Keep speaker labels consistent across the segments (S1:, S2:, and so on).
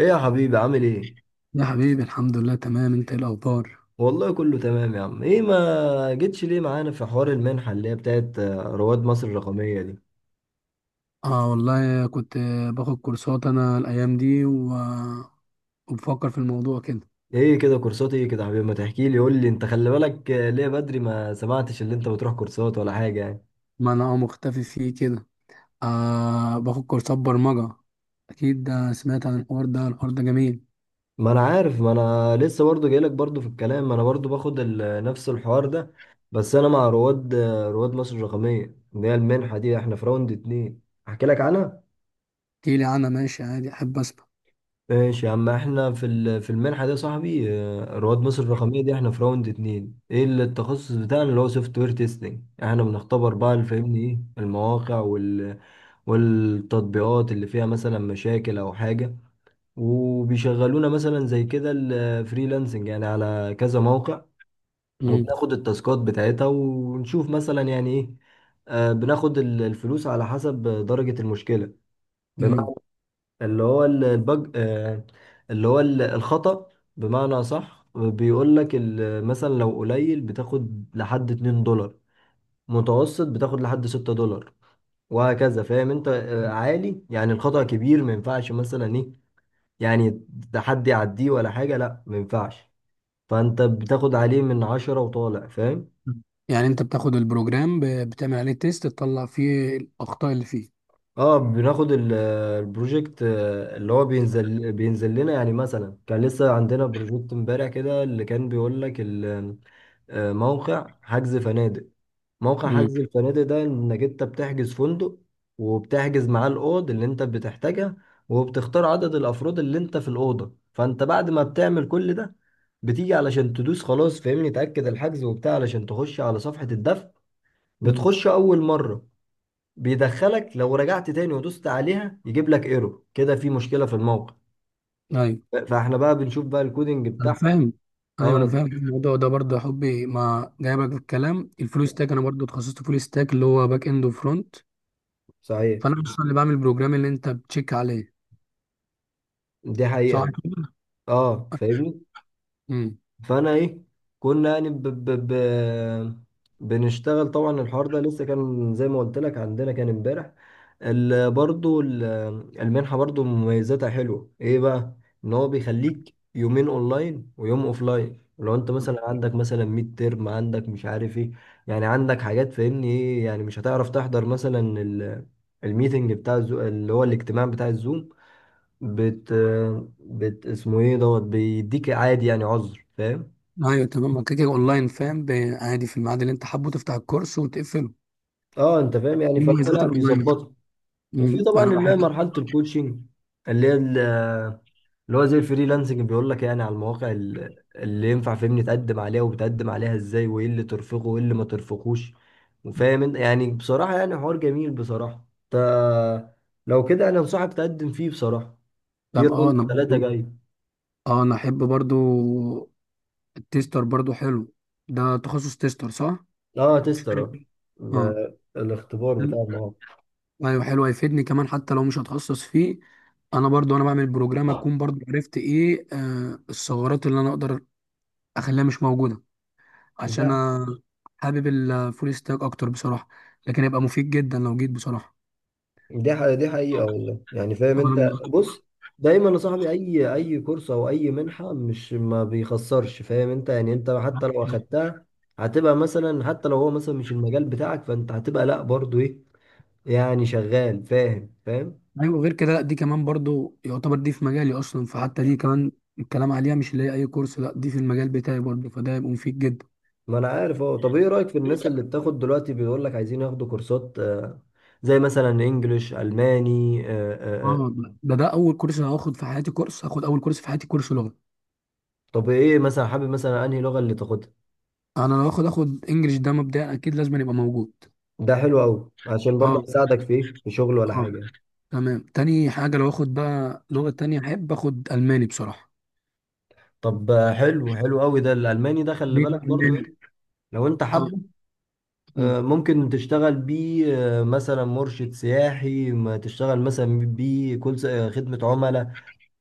S1: ايه يا حبيبي، عامل ايه؟
S2: يا حبيبي، الحمد لله، تمام. انت ايه الاخبار؟
S1: والله كله تمام يا عم. ايه ما جيتش ليه معانا في حوار المنحة اللي هي بتاعت رواد مصر الرقمية دي؟
S2: اه والله كنت باخد كورسات انا الايام دي وبفكر في الموضوع كده.
S1: ايه كده؟ كورسات ايه كده يا حبيبي؟ ما تحكي لي، قول لي انت. خلي بالك ليه بدري ما سمعتش اللي انت بتروح كورسات ولا حاجة يعني.
S2: ما انا مختفي فيه كده. باخد كورسات برمجة. اكيد، ده سمعت عن الحوار ده. الحوار ده جميل.
S1: ما انا عارف، ما انا لسه برضو جايلك برضو في الكلام، ما انا برضو باخد نفس الحوار ده. بس انا مع رواد مصر الرقمية اللي هي المنحة دي، احنا في راوند اتنين. احكي لك عنها.
S2: احكيلي عنها. ماشي، عادي، احب اسمع.
S1: ماشي يا عم، احنا في المنحة دي يا صاحبي. رواد مصر الرقمية دي، احنا في راوند اتنين. ايه اللي التخصص بتاعنا؟ اللي هو سوفت وير تيستنج. احنا بنختبر بقى، اللي فاهمني ايه، المواقع والتطبيقات اللي فيها مثلا مشاكل او حاجة. وبيشغلونا مثلا زي كده الفريلانسنج يعني على كذا موقع.
S2: مم.
S1: وبناخد التاسكات بتاعتها ونشوف مثلا يعني ايه. بناخد الفلوس على حسب درجة المشكلة.
S2: مم.
S1: اللي هو البج، اللي هو الخطأ. بمعنى صح. بيقول لك مثلا لو قليل بتاخد لحد 2 دولار. متوسط بتاخد لحد 6 دولار. وهكذا، فاهم انت. عالي يعني، الخطأ كبير ما ينفعش مثلا ايه. يعني ده حد يعديه ولا حاجة؟ لا ما ينفعش. فانت بتاخد عليه من 10 وطالع، فاهم.
S2: يعني انت بتاخد البروجرام بتعمل عليه تيست، تطلع فيه الاخطاء اللي فيه.
S1: اه، بناخد البروجكت، اللي هو بينزل لنا، يعني مثلا كان لسه عندنا بروجكت امبارح كده اللي كان بيقول لك. موقع حجز فنادق. موقع حجز الفنادق ده، انك انت بتحجز فندق، وبتحجز معاه الاوض اللي انت بتحتاجها، وبتختار عدد الافراد اللي انت في الاوضه. فانت بعد ما بتعمل كل ده، بتيجي علشان تدوس خلاص، فاهمني، تاكد الحجز وبتاع علشان تخش على صفحه الدفع. بتخش اول مره بيدخلك. لو رجعت تاني ودوست عليها، يجيب لك ايرور كده، في مشكله في الموقع.
S2: امم
S1: فاحنا بقى بنشوف بقى الكودينج
S2: انا
S1: بتاعها.
S2: فاهم. ايوه، انا
S1: اه
S2: فاهم الموضوع ده برضه يا حبي، ما جايبك في الكلام، الفول ستاك انا برضه اتخصصت فول ستاك، اللي هو باك اند وفرونت.
S1: صحيح.
S2: فانا اصلا اللي بعمل البروجرام اللي انت بتشيك عليه.
S1: دي حقيقه.
S2: صح كده؟
S1: اه فاهمني.
S2: امم.
S1: فانا ايه، كنا يعني ب ب ب بنشتغل طبعا. الحوار ده لسه كان زي ما قلت لك، عندنا كان امبارح. ال- برضو ال- المنحة برضو مميزاتها حلوة. ايه بقى؟ ان هو بيخليك يومين اونلاين ويوم اوفلاين، لو انت مثلا عندك مثلا ميد ترم، عندك مش عارف ايه، يعني عندك حاجات، فاهمني ايه يعني، مش هتعرف تحضر مثلا الميتنج بتاع اللي هو الاجتماع بتاع الزوم. بت بت اسمه ايه، دوت بيديك عادي يعني عذر، فاهم.
S2: ايوب، تمام، ما كده كده اونلاين، فاهم. عادي، في الميعاد اللي انت حابه تفتح الكورس وتقفله.
S1: اه انت فاهم يعني،
S2: دي
S1: فهو
S2: مميزات
S1: لا،
S2: الاونلاين.
S1: بيظبطها. وفي طبعا
S2: انا
S1: اللي هي
S2: بحب.
S1: مرحله الكوتشنج، اللي هي ال- اللي هو زي الفريلانسنج. بيقول لك يعني على المواقع اللي ينفع، فهمني، تقدم عليها، وبتقدم عليها ازاي، وايه اللي ترفقه وايه اللي ما ترفقوش. وفاهم انت يعني، بصراحه يعني حوار جميل بصراحه. ت... لو كده انا انصحك تقدم فيه بصراحه، في
S2: تمام،
S1: راوند
S2: انا
S1: ثلاثه
S2: برضه.
S1: جاي.
S2: اه، انا احب برضه. التيستر برضه حلو. ده تخصص تيستر، صح؟
S1: اه تستر اه،
S2: اه.
S1: الاختبار بتاع المواقع.
S2: ايوه، حلو، هيفيدني كمان حتى لو مش هتخصص فيه. انا برضو بعمل بروجرام، اكون برضو عرفت ايه الثغرات اللي انا اقدر اخليها مش موجوده. عشان انا حابب الفول ستاك اكتر بصراحه، لكن هيبقى مفيد جدا لو جيت بصراحه.
S1: دي حقيقة والله، يعني فاهم انت.
S2: أنا.
S1: بص، دايما يا صاحبي اي كورس او اي منحة مش ما بيخسرش، فاهم انت يعني، انت حتى لو اخدتها هتبقى مثلا، حتى لو هو مثلا مش المجال بتاعك، فانت هتبقى لا برضو ايه، يعني شغال، فاهم.
S2: ايوه، غير كده، لا، دي كمان برضو يعتبر دي في مجالي اصلا، فحتى دي كمان الكلام عليها مش اللي هي اي كورس، لا، دي في المجال بتاعي برضو، فده هيبقى مفيد جدا.
S1: ما انا عارف اهو. طب ايه رأيك في الناس اللي بتاخد دلوقتي، بيقول لك عايزين ياخدوا كورسات، زي مثلا انجليش، الماني.
S2: اه، ده اول كورس هاخد في حياتي، كورس هاخد اول كورس في حياتي، كورس لغه.
S1: طب ايه مثلا حابب مثلا انهي لغة اللي تاخدها؟
S2: انا لو اخد انجليش، ده مبدئيا اكيد لازم يبقى موجود.
S1: ده حلو قوي، عشان برضه
S2: اه،
S1: هيساعدك في ايه، في شغل ولا
S2: اه.
S1: حاجة.
S2: تمام. تاني حاجه، لو اخد بقى لغه تانية احب اخد الماني بصراحه.
S1: طب حلو حلو قوي ده، الالماني ده خلي
S2: ليه بقى
S1: بالك برضو
S2: الماني؟
S1: إيه، لو انت
S2: اه.
S1: حابه،
S2: أمم.
S1: ممكن تشتغل بيه. مثلا مرشد سياحي، ما تشتغل مثلا بيه كل خدمة عملاء.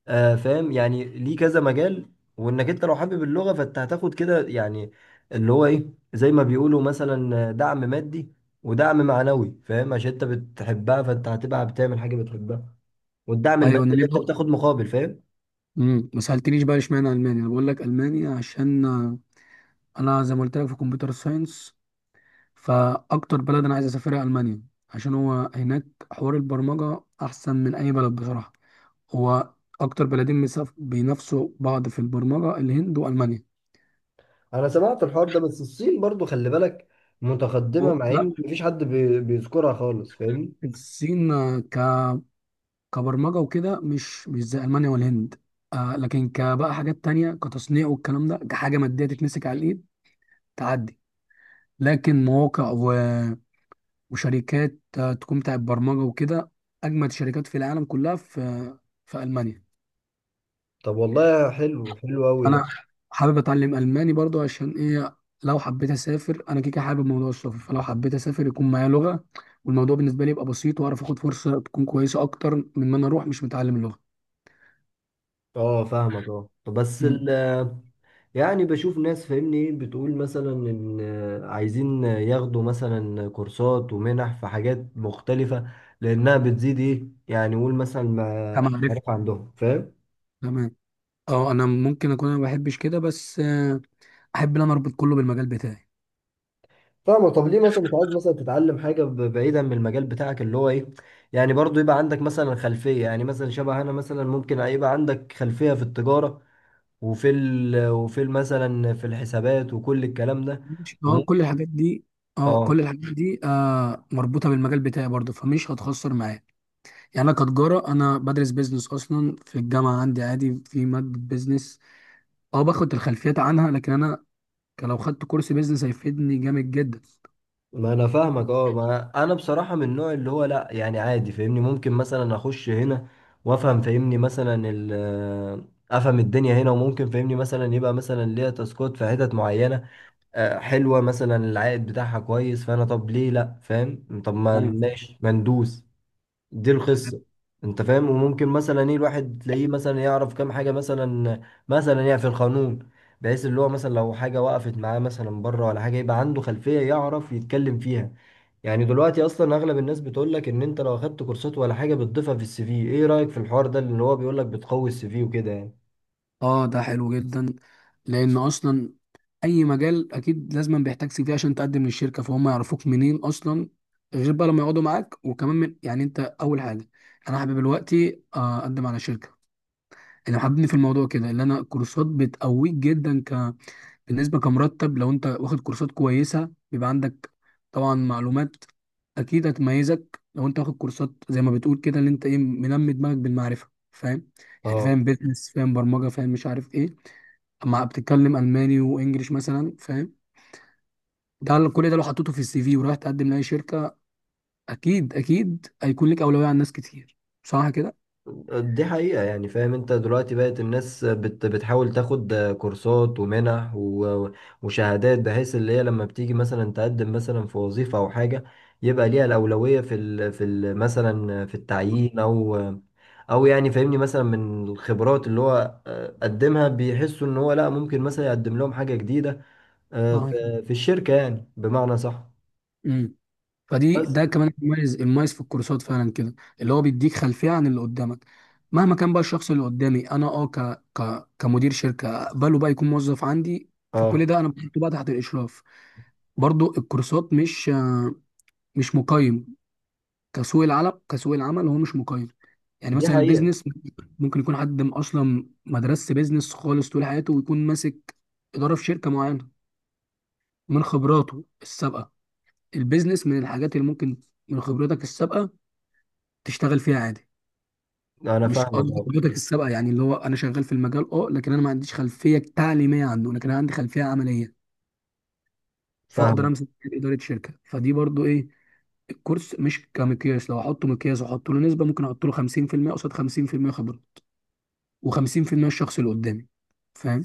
S1: فاهم يعني، ليه كذا مجال. وانك انت لو حابب اللغة، فانت هتاخد كده يعني اللي هو ايه، زي ما بيقولوا مثلا دعم مادي ودعم معنوي، فاهم، عشان انت بتحبها فانت هتبقى بتعمل حاجة بتحبها. والدعم
S2: ايوه،
S1: المادي
S2: انا ليه
S1: اللي انت
S2: بقى؟
S1: بتاخد مقابل، فاهم.
S2: ما سالتنيش بقى اشمعنى الماني، انا بقول لك الماني عشان انا زي ما قلت لك في كمبيوتر ساينس، فاكتر بلد انا عايز اسافرها المانيا. عشان هو هناك حوار البرمجه احسن من اي بلد بصراحه. هو اكتر بلدين بينافسوا بعض في البرمجه، الهند والمانيا.
S1: انا سمعت الحوار ده، بس الصين برضو خلي بالك متقدمة، مع
S2: لا،
S1: ان مفيش حد بيذكرها خالص، فاهمني.
S2: الصين كبرمجة وكده مش زي ألمانيا والهند. لكن كبقى حاجات تانية، كتصنيع والكلام ده، كحاجة مادية تتمسك على الإيد تعدي، لكن مواقع وشركات تكون بتاعت برمجة وكده، أجمد شركات في العالم كلها في ألمانيا.
S1: طب والله حلو حلو قوي ده.
S2: أنا حابب أتعلم ألماني برضو، عشان إيه؟ لو حبيت أسافر، أنا كيكة حابب موضوع السفر، فلو حبيت أسافر يكون معايا لغة والموضوع بالنسبة لي يبقى بسيط، وأعرف آخد فرصة تكون كويسة أكتر من ما أنا أروح مش متعلم اللغة.
S1: اه فاهمك، اه بس
S2: مم.
S1: يعني بشوف ناس، فاهمني ايه، بتقول مثلا ان عايزين ياخدوا مثلا كورسات ومنح في حاجات مختلفة، لانها بتزيد ايه يعني، قول مثلا
S2: كما عرفت.
S1: المعرفة عندهم، فاهم.
S2: تمام، اه انا ممكن اكون انا ما بحبش كده بس احب ان انا اربط كله بالمجال بتاعي.
S1: فاهمة. طب ليه مثلا مش عايز مثلا تتعلم حاجة بعيدا من المجال بتاعك اللي هو ايه، يعني برضو يبقى عندك مثلا خلفية، يعني مثلا شبه انا مثلا، ممكن يبقى عندك خلفية في التجارة، مثلا في الحسابات وكل الكلام ده.
S2: مش، اه، كل
S1: وممكن.
S2: الحاجات دي. اه،
S1: اه
S2: كل الحاجات دي مربوطه بالمجال بتاعي برضه، فمش هتخسر معايا. يعني، انا كتجاره، انا بدرس بيزنس اصلا في الجامعه، عندي عادي في ماده بيزنس. اه، باخد الخلفيات عنها لكن انا لو خدت كورس بيزنس هيفيدني جامد جدا.
S1: ما انا فاهمك، اه ما انا بصراحة من النوع اللي هو لا يعني عادي، فاهمني، ممكن مثلا اخش هنا وافهم، فاهمني مثلا افهم الدنيا هنا، وممكن فاهمني مثلا يبقى مثلا ليا تاسكات في حتت معينة، حلوة، مثلا العائد بتاعها كويس، فأنا طب ليه لأ، فاهم، طب ما
S2: ايوه.
S1: ماشي، ما ندوس. دي القصة، أنت فاهم. وممكن مثلا إيه، الواحد تلاقيه مثلا يعرف كام حاجة مثلا، يعني في القانون، بحيث اللي هو مثلا لو حاجة وقفت معاه مثلا بره ولا حاجة، يبقى عنده خلفية يعرف يتكلم فيها. يعني دلوقتي أصلا أغلب الناس بتقولك إن أنت لو أخدت كورسات ولا حاجة بتضيفها في السي في. إيه رأيك في الحوار ده اللي هو بيقولك بتقوي السي في وكده يعني؟
S2: اه، ده حلو جدا. لان اصلا اي مجال اكيد لازم بيحتاج سي في عشان تقدم للشركه، فهم يعرفوك منين اصلا، غير بقى لما يقعدوا معاك. وكمان من، يعني انت اول حاجه، انا حابب دلوقتي اقدم على شركه اللي حاببني في الموضوع كده، اللي انا كورسات بتقويك جدا. بالنسبه كمرتب، لو انت واخد كورسات كويسه بيبقى عندك طبعا معلومات، اكيد هتميزك لو انت واخد كورسات زي ما بتقول كده، اللي انت ايه، منمي دماغك بالمعرفه، فاهم. يعني
S1: اه
S2: فاهم بيزنس، فاهم برمجه، فاهم مش عارف ايه، مع بتتكلم الماني وانجليش مثلا، فاهم. ده كل ده لو حطيته في السي في ورايح تقدم لاي شركه، اكيد اكيد هيكون لك اولويه عن ناس كتير. صح كده؟
S1: دي حقيقة يعني، فاهم انت، دلوقتي بقت الناس بتحاول تاخد كورسات ومنح وشهادات، بحيث اللي هي لما بتيجي مثلا تقدم مثلا في وظيفة او حاجة، يبقى ليها الأولوية في ال في ال مثلا في التعيين، او يعني فاهمني مثلا من الخبرات اللي هو قدمها، بيحسوا ان هو لا، ممكن مثلا يقدم لهم حاجة جديدة
S2: صح كده؟
S1: في الشركة يعني، بمعنى صح.
S2: امم. فدي،
S1: بس
S2: ده كمان المميز المميز في الكورسات فعلا كده، اللي هو بيديك خلفيه عن اللي قدامك. مهما كان بقى الشخص اللي قدامي، انا كمدير شركه اقبله بقى يكون موظف عندي. فكل
S1: اه
S2: ده انا بحطه بقى تحت الاشراف. برضو الكورسات مش مش مقيم كسوق العمل هو مش مقيم. يعني
S1: دي
S2: مثلا
S1: حقيقة،
S2: البيزنس، ممكن يكون حد اصلا ما درسش بيزنس خالص طول حياته ويكون ماسك اداره في شركه معينه من خبراته السابقه. البيزنس من الحاجات اللي ممكن من خبرتك السابقه تشتغل فيها عادي.
S1: انا
S2: مش
S1: فاهمك
S2: قصدي
S1: اه
S2: خبرتك السابقه، يعني اللي هو انا شغال في المجال، اه، لكن انا ما عنديش خلفيه تعليميه عنه، لكن انا عندي خلفيه عمليه. فاقدر
S1: فاهمك
S2: امسك اداره شركه، فدي برضو ايه، الكورس مش كمقياس. لو احطه مقياس واحط له نسبه ممكن احط له 50% قصاد 50% خبره، و50% الشخص اللي قدامي، فاهم.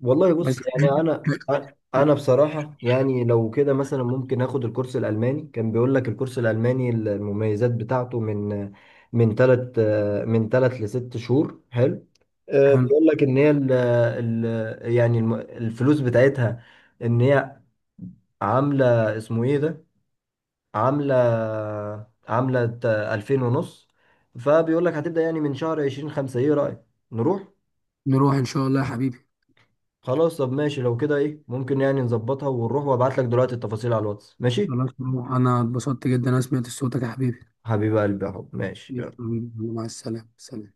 S1: والله.
S2: بس.
S1: بص، يعني انا، انا بصراحه يعني لو كده مثلا ممكن اخد الكورس الالماني. كان بيقول لك الكورس الالماني المميزات بتاعته من من ثلاث من ثلاث لست شهور، حلو.
S2: حلو،
S1: بيقول لك ان هي ال يعني الفلوس بتاعتها، ان هي عامله اسمه ايه ده، عامله عامله 2000 ونص. فبيقول لك هتبدا يعني من شهر 20 5. ايه رايك، نروح؟
S2: نروح ان شاء الله يا حبيبي.
S1: خلاص طب ماشي لو كده ايه، ممكن يعني نظبطها ونروح، وابعت لك دلوقتي التفاصيل على الواتس، ماشي.
S2: خلاص نروح، انا اتبسطت جدا انا سمعت صوتك يا حبيبي.
S1: حبيب قلبي يا حب، ماشي، يلا.
S2: مع السلامة، سلام.